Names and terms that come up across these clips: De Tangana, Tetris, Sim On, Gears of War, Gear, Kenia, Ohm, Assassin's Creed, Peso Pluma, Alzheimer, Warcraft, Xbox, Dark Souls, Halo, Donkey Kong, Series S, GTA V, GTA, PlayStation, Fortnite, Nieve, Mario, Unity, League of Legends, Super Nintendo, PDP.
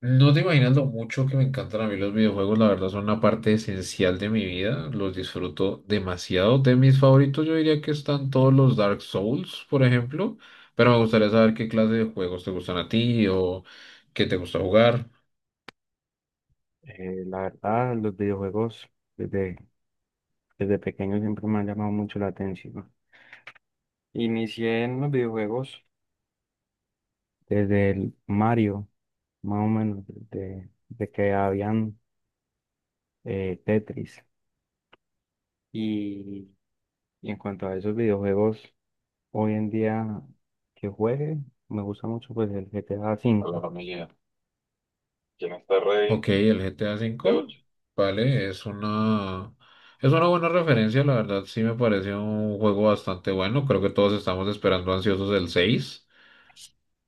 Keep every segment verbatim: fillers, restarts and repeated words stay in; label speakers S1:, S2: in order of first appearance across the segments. S1: No te imaginas lo mucho que me encantan a mí los videojuegos, la verdad son una parte esencial de mi vida, los disfruto demasiado. De mis favoritos yo diría que están todos los Dark Souls, por ejemplo, pero me gustaría saber qué clase de juegos te gustan a ti o qué te gusta jugar.
S2: Eh, la verdad, los videojuegos desde, desde pequeño siempre me han llamado mucho la atención. Inicié en los videojuegos desde el Mario, más o menos, de, de que habían eh, Tetris. Y, y en cuanto a esos videojuegos, hoy en día que juegue, me gusta mucho pues el GTA A A la V. familia. ¿Quién está
S1: Ok,
S2: rey
S1: el G T A
S2: de
S1: V,
S2: ocho?
S1: vale, es una es una buena referencia, la verdad sí me parece un juego bastante bueno, creo que todos estamos esperando ansiosos el seis,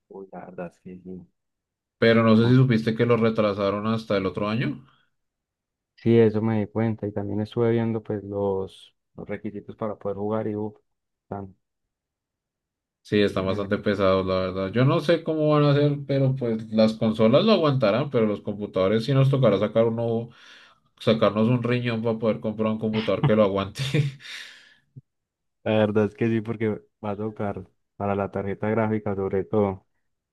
S2: Uy, la verdad, sí, sí.
S1: pero no sé si supiste que lo retrasaron hasta el otro año.
S2: Sí, eso me di cuenta y también estuve viendo pues los, los requisitos para poder jugar y uff, están
S1: Sí, están
S2: bien ele-
S1: bastante pesados, la verdad. Yo no sé cómo van a hacer, pero pues las consolas lo aguantarán, pero los computadores sí nos tocará sacar uno, sacarnos un riñón para poder comprar un computador que lo aguante.
S2: La verdad es que sí, porque va a tocar para la tarjeta gráfica sobre todo,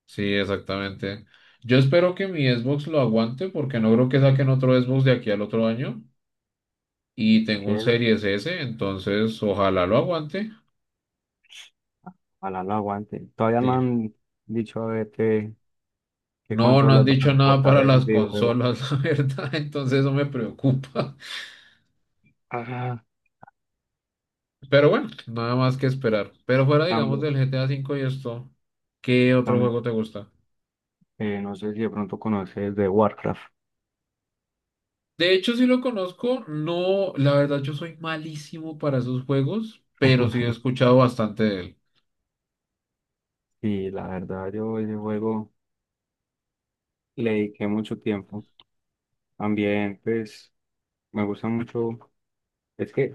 S1: Sí, exactamente. Yo espero que mi Xbox lo aguante porque no creo que saquen otro Xbox de aquí al otro año y tengo
S2: que
S1: un Series S, entonces ojalá lo aguante.
S2: ojalá lo aguante. Todavía no
S1: Sí.
S2: han dicho a ver qué, qué
S1: No, no han
S2: consolas van
S1: dicho
S2: a
S1: nada
S2: soportar
S1: para
S2: el
S1: las
S2: videojuego.
S1: consolas, la verdad, entonces eso me preocupa.
S2: Ah,
S1: Pero bueno, nada más que esperar. Pero fuera, digamos,
S2: también,
S1: del G T A cinco y esto, ¿qué otro
S2: también.
S1: juego te gusta?
S2: Eh, no sé si de pronto conoces de Warcraft.
S1: De hecho, sí lo conozco. No, la verdad, yo soy malísimo para esos juegos, pero sí he escuchado bastante de él.
S2: Sí, la verdad yo ese juego le dediqué mucho tiempo. También pues me gusta mucho. Es que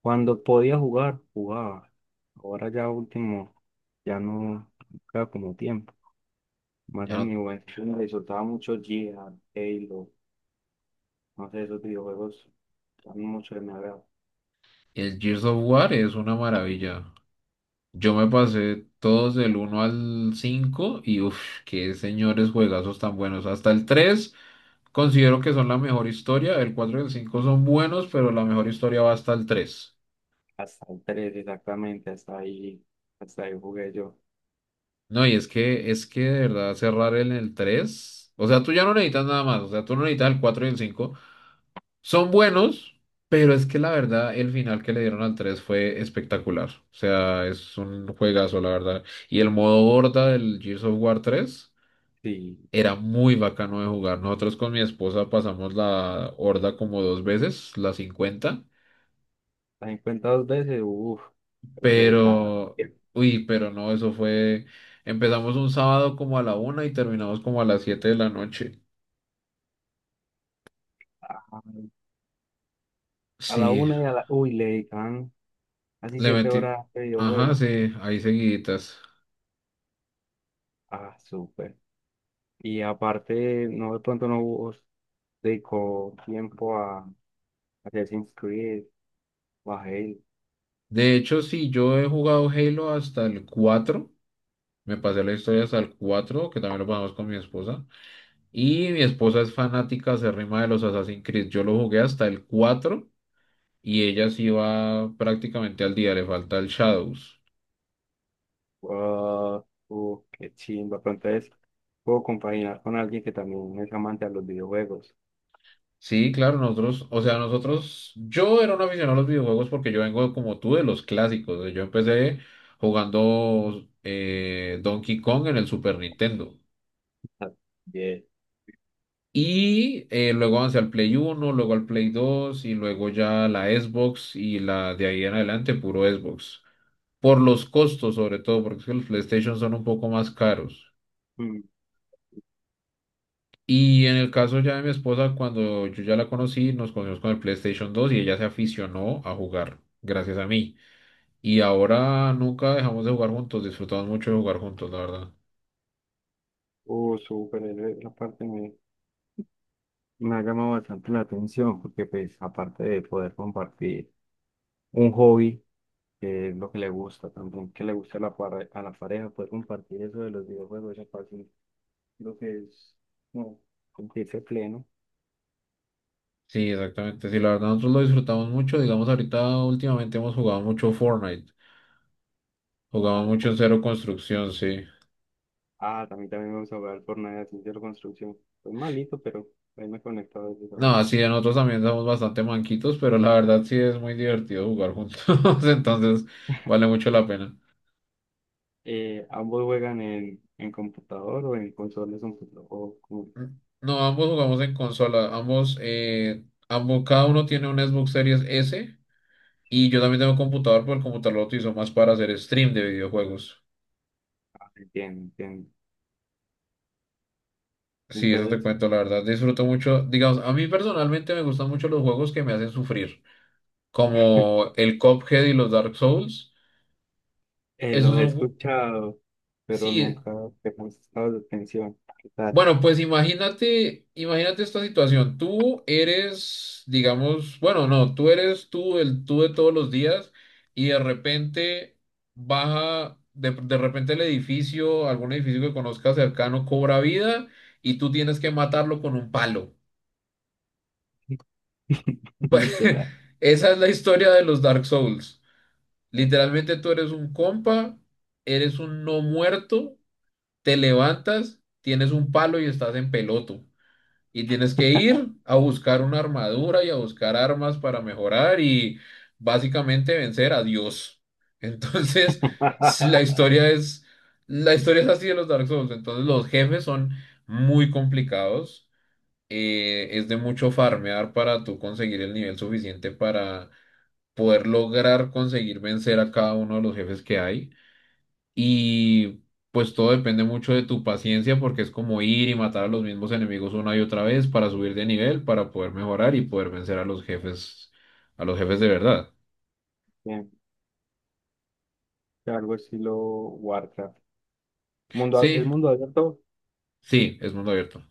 S2: cuando podía jugar, jugaba. Ahora ya último, ya no queda como tiempo. Más en
S1: Ya,
S2: mi juventud me disfrutaba mucho Gear, Halo, no sé, esos videojuegos dan mucho de mi agrado.
S1: el Gears of War es una maravilla. Yo me pasé todos del uno al cinco y uff, qué señores juegazos tan buenos. Hasta el tres considero que son la mejor historia. El cuatro y el cinco son buenos, pero la mejor historia va hasta el tres.
S2: Hasta el tres exactamente, hasta ahí, hasta ahí jugué yo.
S1: No, y es que, es que de verdad cerrar en el tres, o sea, tú ya no necesitas nada más, o sea, tú no necesitas el cuatro y el cinco. Son buenos, pero es que la verdad el final que le dieron al tres fue espectacular. O sea, es un juegazo, la verdad. Y el modo horda del Gears of War tres
S2: Sí,
S1: era muy bacano de jugar. Nosotros con mi esposa pasamos la horda como dos veces, la cincuenta,
S2: la cincuenta dos veces, uff, pero se dedicaban
S1: pero, uy, pero no, eso fue... Empezamos un sábado como a la una y terminamos como a las siete de la noche.
S2: a, a la
S1: Sí,
S2: una y a la... Uy, le dedicaban casi
S1: le
S2: siete
S1: metí.
S2: horas de
S1: Ajá,
S2: videojuego.
S1: sí, ahí seguiditas.
S2: Ah, súper. Y aparte, no de pronto no hubo- dedicó tiempo a Assassin's Creed o a Halo.
S1: De hecho, sí, yo he jugado Halo hasta el cuatro. Me pasé la historia hasta el cuatro, que también lo pasamos con mi esposa. Y mi esposa es fanática acérrima de los Assassin's Creed. Yo lo jugué hasta el cuatro y ella sí va prácticamente al día, le falta el Shadows.
S2: Wow, uh, qué chimba. Pero entonces puedo compaginar con alguien que también es amante a los videojuegos.
S1: Sí, claro, nosotros, o sea, nosotros, yo era un aficionado a los videojuegos porque yo vengo como tú de los clásicos. Yo empecé jugando eh, Donkey Kong en el Super Nintendo.
S2: Ah, bien.
S1: Y eh, luego avancé al Play uno, luego al Play dos y luego ya la Xbox y la de ahí en adelante puro Xbox. Por los costos sobre todo, porque es que los PlayStation son un poco más caros.
S2: Mm.
S1: Y en el caso ya de mi esposa, cuando yo ya la conocí, nos conocimos con el PlayStation dos y ella se aficionó a jugar, gracias a mí. Y ahora nunca dejamos de jugar juntos, disfrutamos mucho de jugar juntos, la verdad.
S2: Uh, súper, eh, esa parte me, me ha llamado bastante la atención porque pues aparte de poder compartir un hobby, que es lo que le gusta, también que le gusta a la, pare- a la pareja, poder compartir eso de los videojuegos, esa parte creo que es. No. Sentirse pleno.
S1: Sí, exactamente. Sí, la verdad nosotros lo disfrutamos mucho. Digamos, ahorita últimamente hemos jugado mucho Fortnite.
S2: Ah,
S1: Jugamos
S2: el
S1: mucho
S2: For-
S1: en cero construcción, sí.
S2: ah, También, también vamos a jugar al Fortnite a ciencia de la construcción. Es malito, pero ahí me he conectado desde a
S1: No,
S2: jugar.
S1: así nosotros también somos bastante manquitos, pero la verdad sí es muy divertido jugar juntos, entonces vale mucho la pena.
S2: Eh, ¿ambos juegan en, en computador o en consolas un o como-
S1: No, ambos jugamos en consola, ambos, eh, ambos, cada uno tiene un Xbox Series S y yo
S2: sí.
S1: también tengo computador, pero el computador lo utilizo más para hacer stream de videojuegos.
S2: Ah, entiendo, entiendo.
S1: Sí, eso te
S2: Entonces,
S1: cuento, la verdad, disfruto mucho, digamos, a mí personalmente me gustan mucho los juegos que me hacen sufrir, como el Cuphead y los Dark Souls.
S2: eh,
S1: Esos
S2: los he
S1: son, ju-
S2: escuchado, pero
S1: sí.
S2: nunca te he prestado la atención. ¿Qué tal?
S1: Bueno, pues imagínate, imagínate esta situación. Tú eres, digamos, bueno, no, tú eres tú, el tú de todos los días, y de repente baja, de, de repente el edificio, algún edificio que conozcas cercano cobra vida y tú tienes que matarlo con un palo.
S2: Literal.
S1: Esa es la historia de los Dark Souls. Literalmente tú eres un compa, eres un no muerto, te levantas, tienes un palo y estás en peloto. Y tienes que ir a buscar una armadura y a buscar armas para mejorar y básicamente vencer a Dios. Entonces, s- la historia es, la historia es así de los Dark Souls. Entonces, los jefes son muy complicados. Eh, es de mucho farmear para tú conseguir el nivel suficiente para poder lograr conseguir vencer a cada uno de los jefes que hay. Y pues todo depende mucho de tu paciencia porque es como ir y matar a los mismos enemigos una y otra vez para subir de nivel, para poder mejorar y poder vencer a los jefes, a los jefes de verdad.
S2: Bien, algo estilo Warcraft. Mundo, ab- ¿es
S1: Sí,
S2: mundo abierto?
S1: sí, es mundo abierto.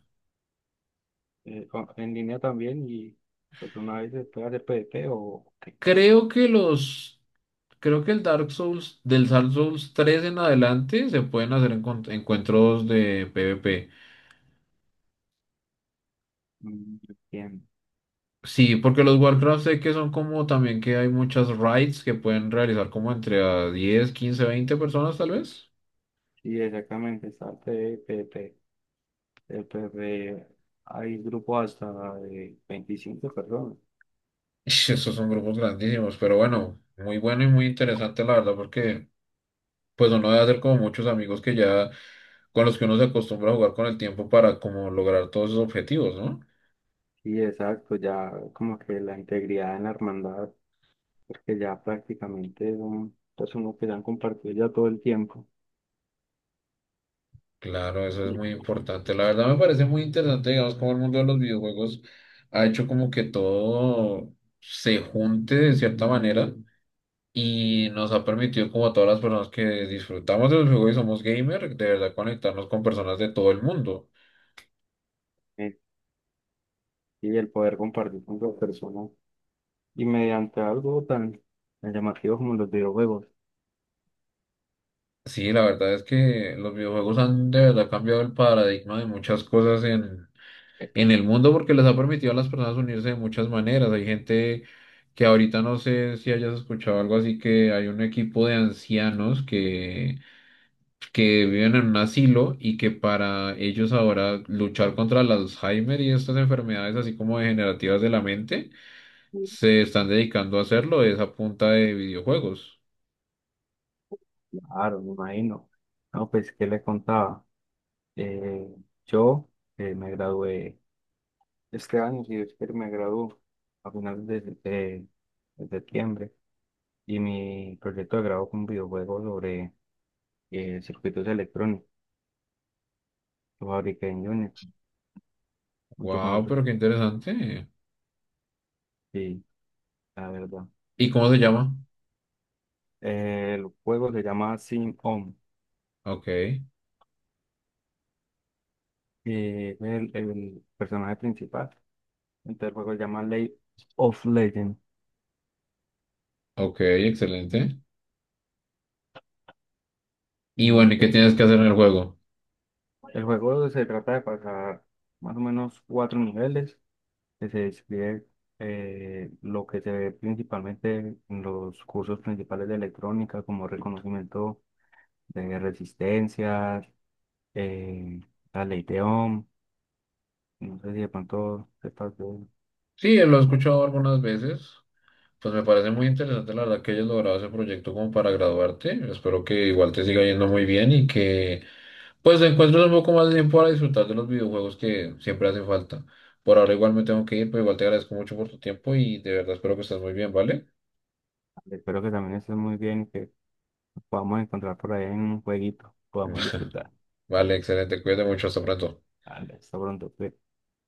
S2: eh, o- En línea también y pues una vez se puede hacer P D P o qué.
S1: Creo que los, creo que el Dark Souls, del Dark Souls tres en adelante se pueden hacer encon- encuentros de P v P.
S2: Mm. Bien.
S1: Sí, porque los Warcraft sé que son como también que hay muchas raids que pueden realizar como entre a diez quince veinte personas tal vez.
S2: Sí, exactamente, está el P D P. El P D P, hay grupos hasta de veinticinco personas.
S1: Ish, estos son grupos grandísimos, pero bueno, muy bueno y muy interesante la verdad, porque pues uno debe hacer como muchos amigos que ya, con los que uno se acostumbra a jugar con el tiempo para como lograr todos esos objetivos, ¿no?
S2: Sí, exacto, ya como que la integridad en la hermandad, porque ya prácticamente son personas que se han compartido ya todo el tiempo.
S1: Claro, eso es muy importante. La verdad me parece muy interesante, digamos, cómo el mundo de los videojuegos ha hecho como que todo se junte de cierta manera y nos ha permitido como a todas las personas que disfrutamos de los juegos y somos gamer, de verdad conectarnos con personas de todo el mundo.
S2: eh, y el poder compartir con otras personas y mediante algo tan tan llamativo como los videojuegos.
S1: Sí, la verdad es que los videojuegos han de verdad cambiado el paradigma de muchas cosas en, en el mundo porque les ha permitido a las personas unirse de muchas maneras. Hay gente que ahorita no sé si hayas escuchado algo así que hay un equipo de ancianos que, que viven en un asilo y que para ellos ahora luchar contra el Alzheimer y estas enfermedades así como degenerativas de la mente se están dedicando a hacerlo es a punta de videojuegos.
S2: Claro, me imagino. No, pues, ¿qué le contaba? Eh, yo eh, me gradué este año, si Dios quiere, me graduó a finales de, de- de septiembre y mi proyecto de grado fue un videojuego sobre eh, circuitos electrónicos. Lo fabriqué en Unity junto con
S1: Wow,
S2: otros.
S1: pero qué interesante.
S2: Sí, la verdad.
S1: ¿Y cómo se
S2: Pero,
S1: llama?
S2: eh, el juego se llama Sim On.
S1: Ok.
S2: eh, el, el personaje principal. Entonces, el juego se llama League of Legends.
S1: Ok, excelente. Y
S2: Y
S1: bueno, ¿y qué
S2: pues,
S1: tienes que hacer en el juego?
S2: el juego se trata de pasar más o menos cuatro niveles que se describe eh, lo que se ve principalmente en los cursos principales de electrónica, como reconocimiento de resistencias, eh, la ley de Ohm. No sé si de pronto sepas de-
S1: Sí, lo he
S2: bueno,
S1: escuchado algunas veces. Pues me parece muy interesante la verdad que hayas logrado ese proyecto como para graduarte. Espero que igual te siga yendo muy bien y que pues encuentres un poco más de tiempo para disfrutar de los videojuegos que siempre hace falta. Por ahora igual me tengo que ir, pero igual te agradezco mucho por tu tiempo y de verdad espero que estés muy bien, ¿vale?
S2: espero que también estés muy bien y que nos podamos encontrar por ahí en un jueguito, podamos disfrutar.
S1: Vale, excelente. Cuídate mucho. Hasta pronto.
S2: Vale, hasta pronto. Pues.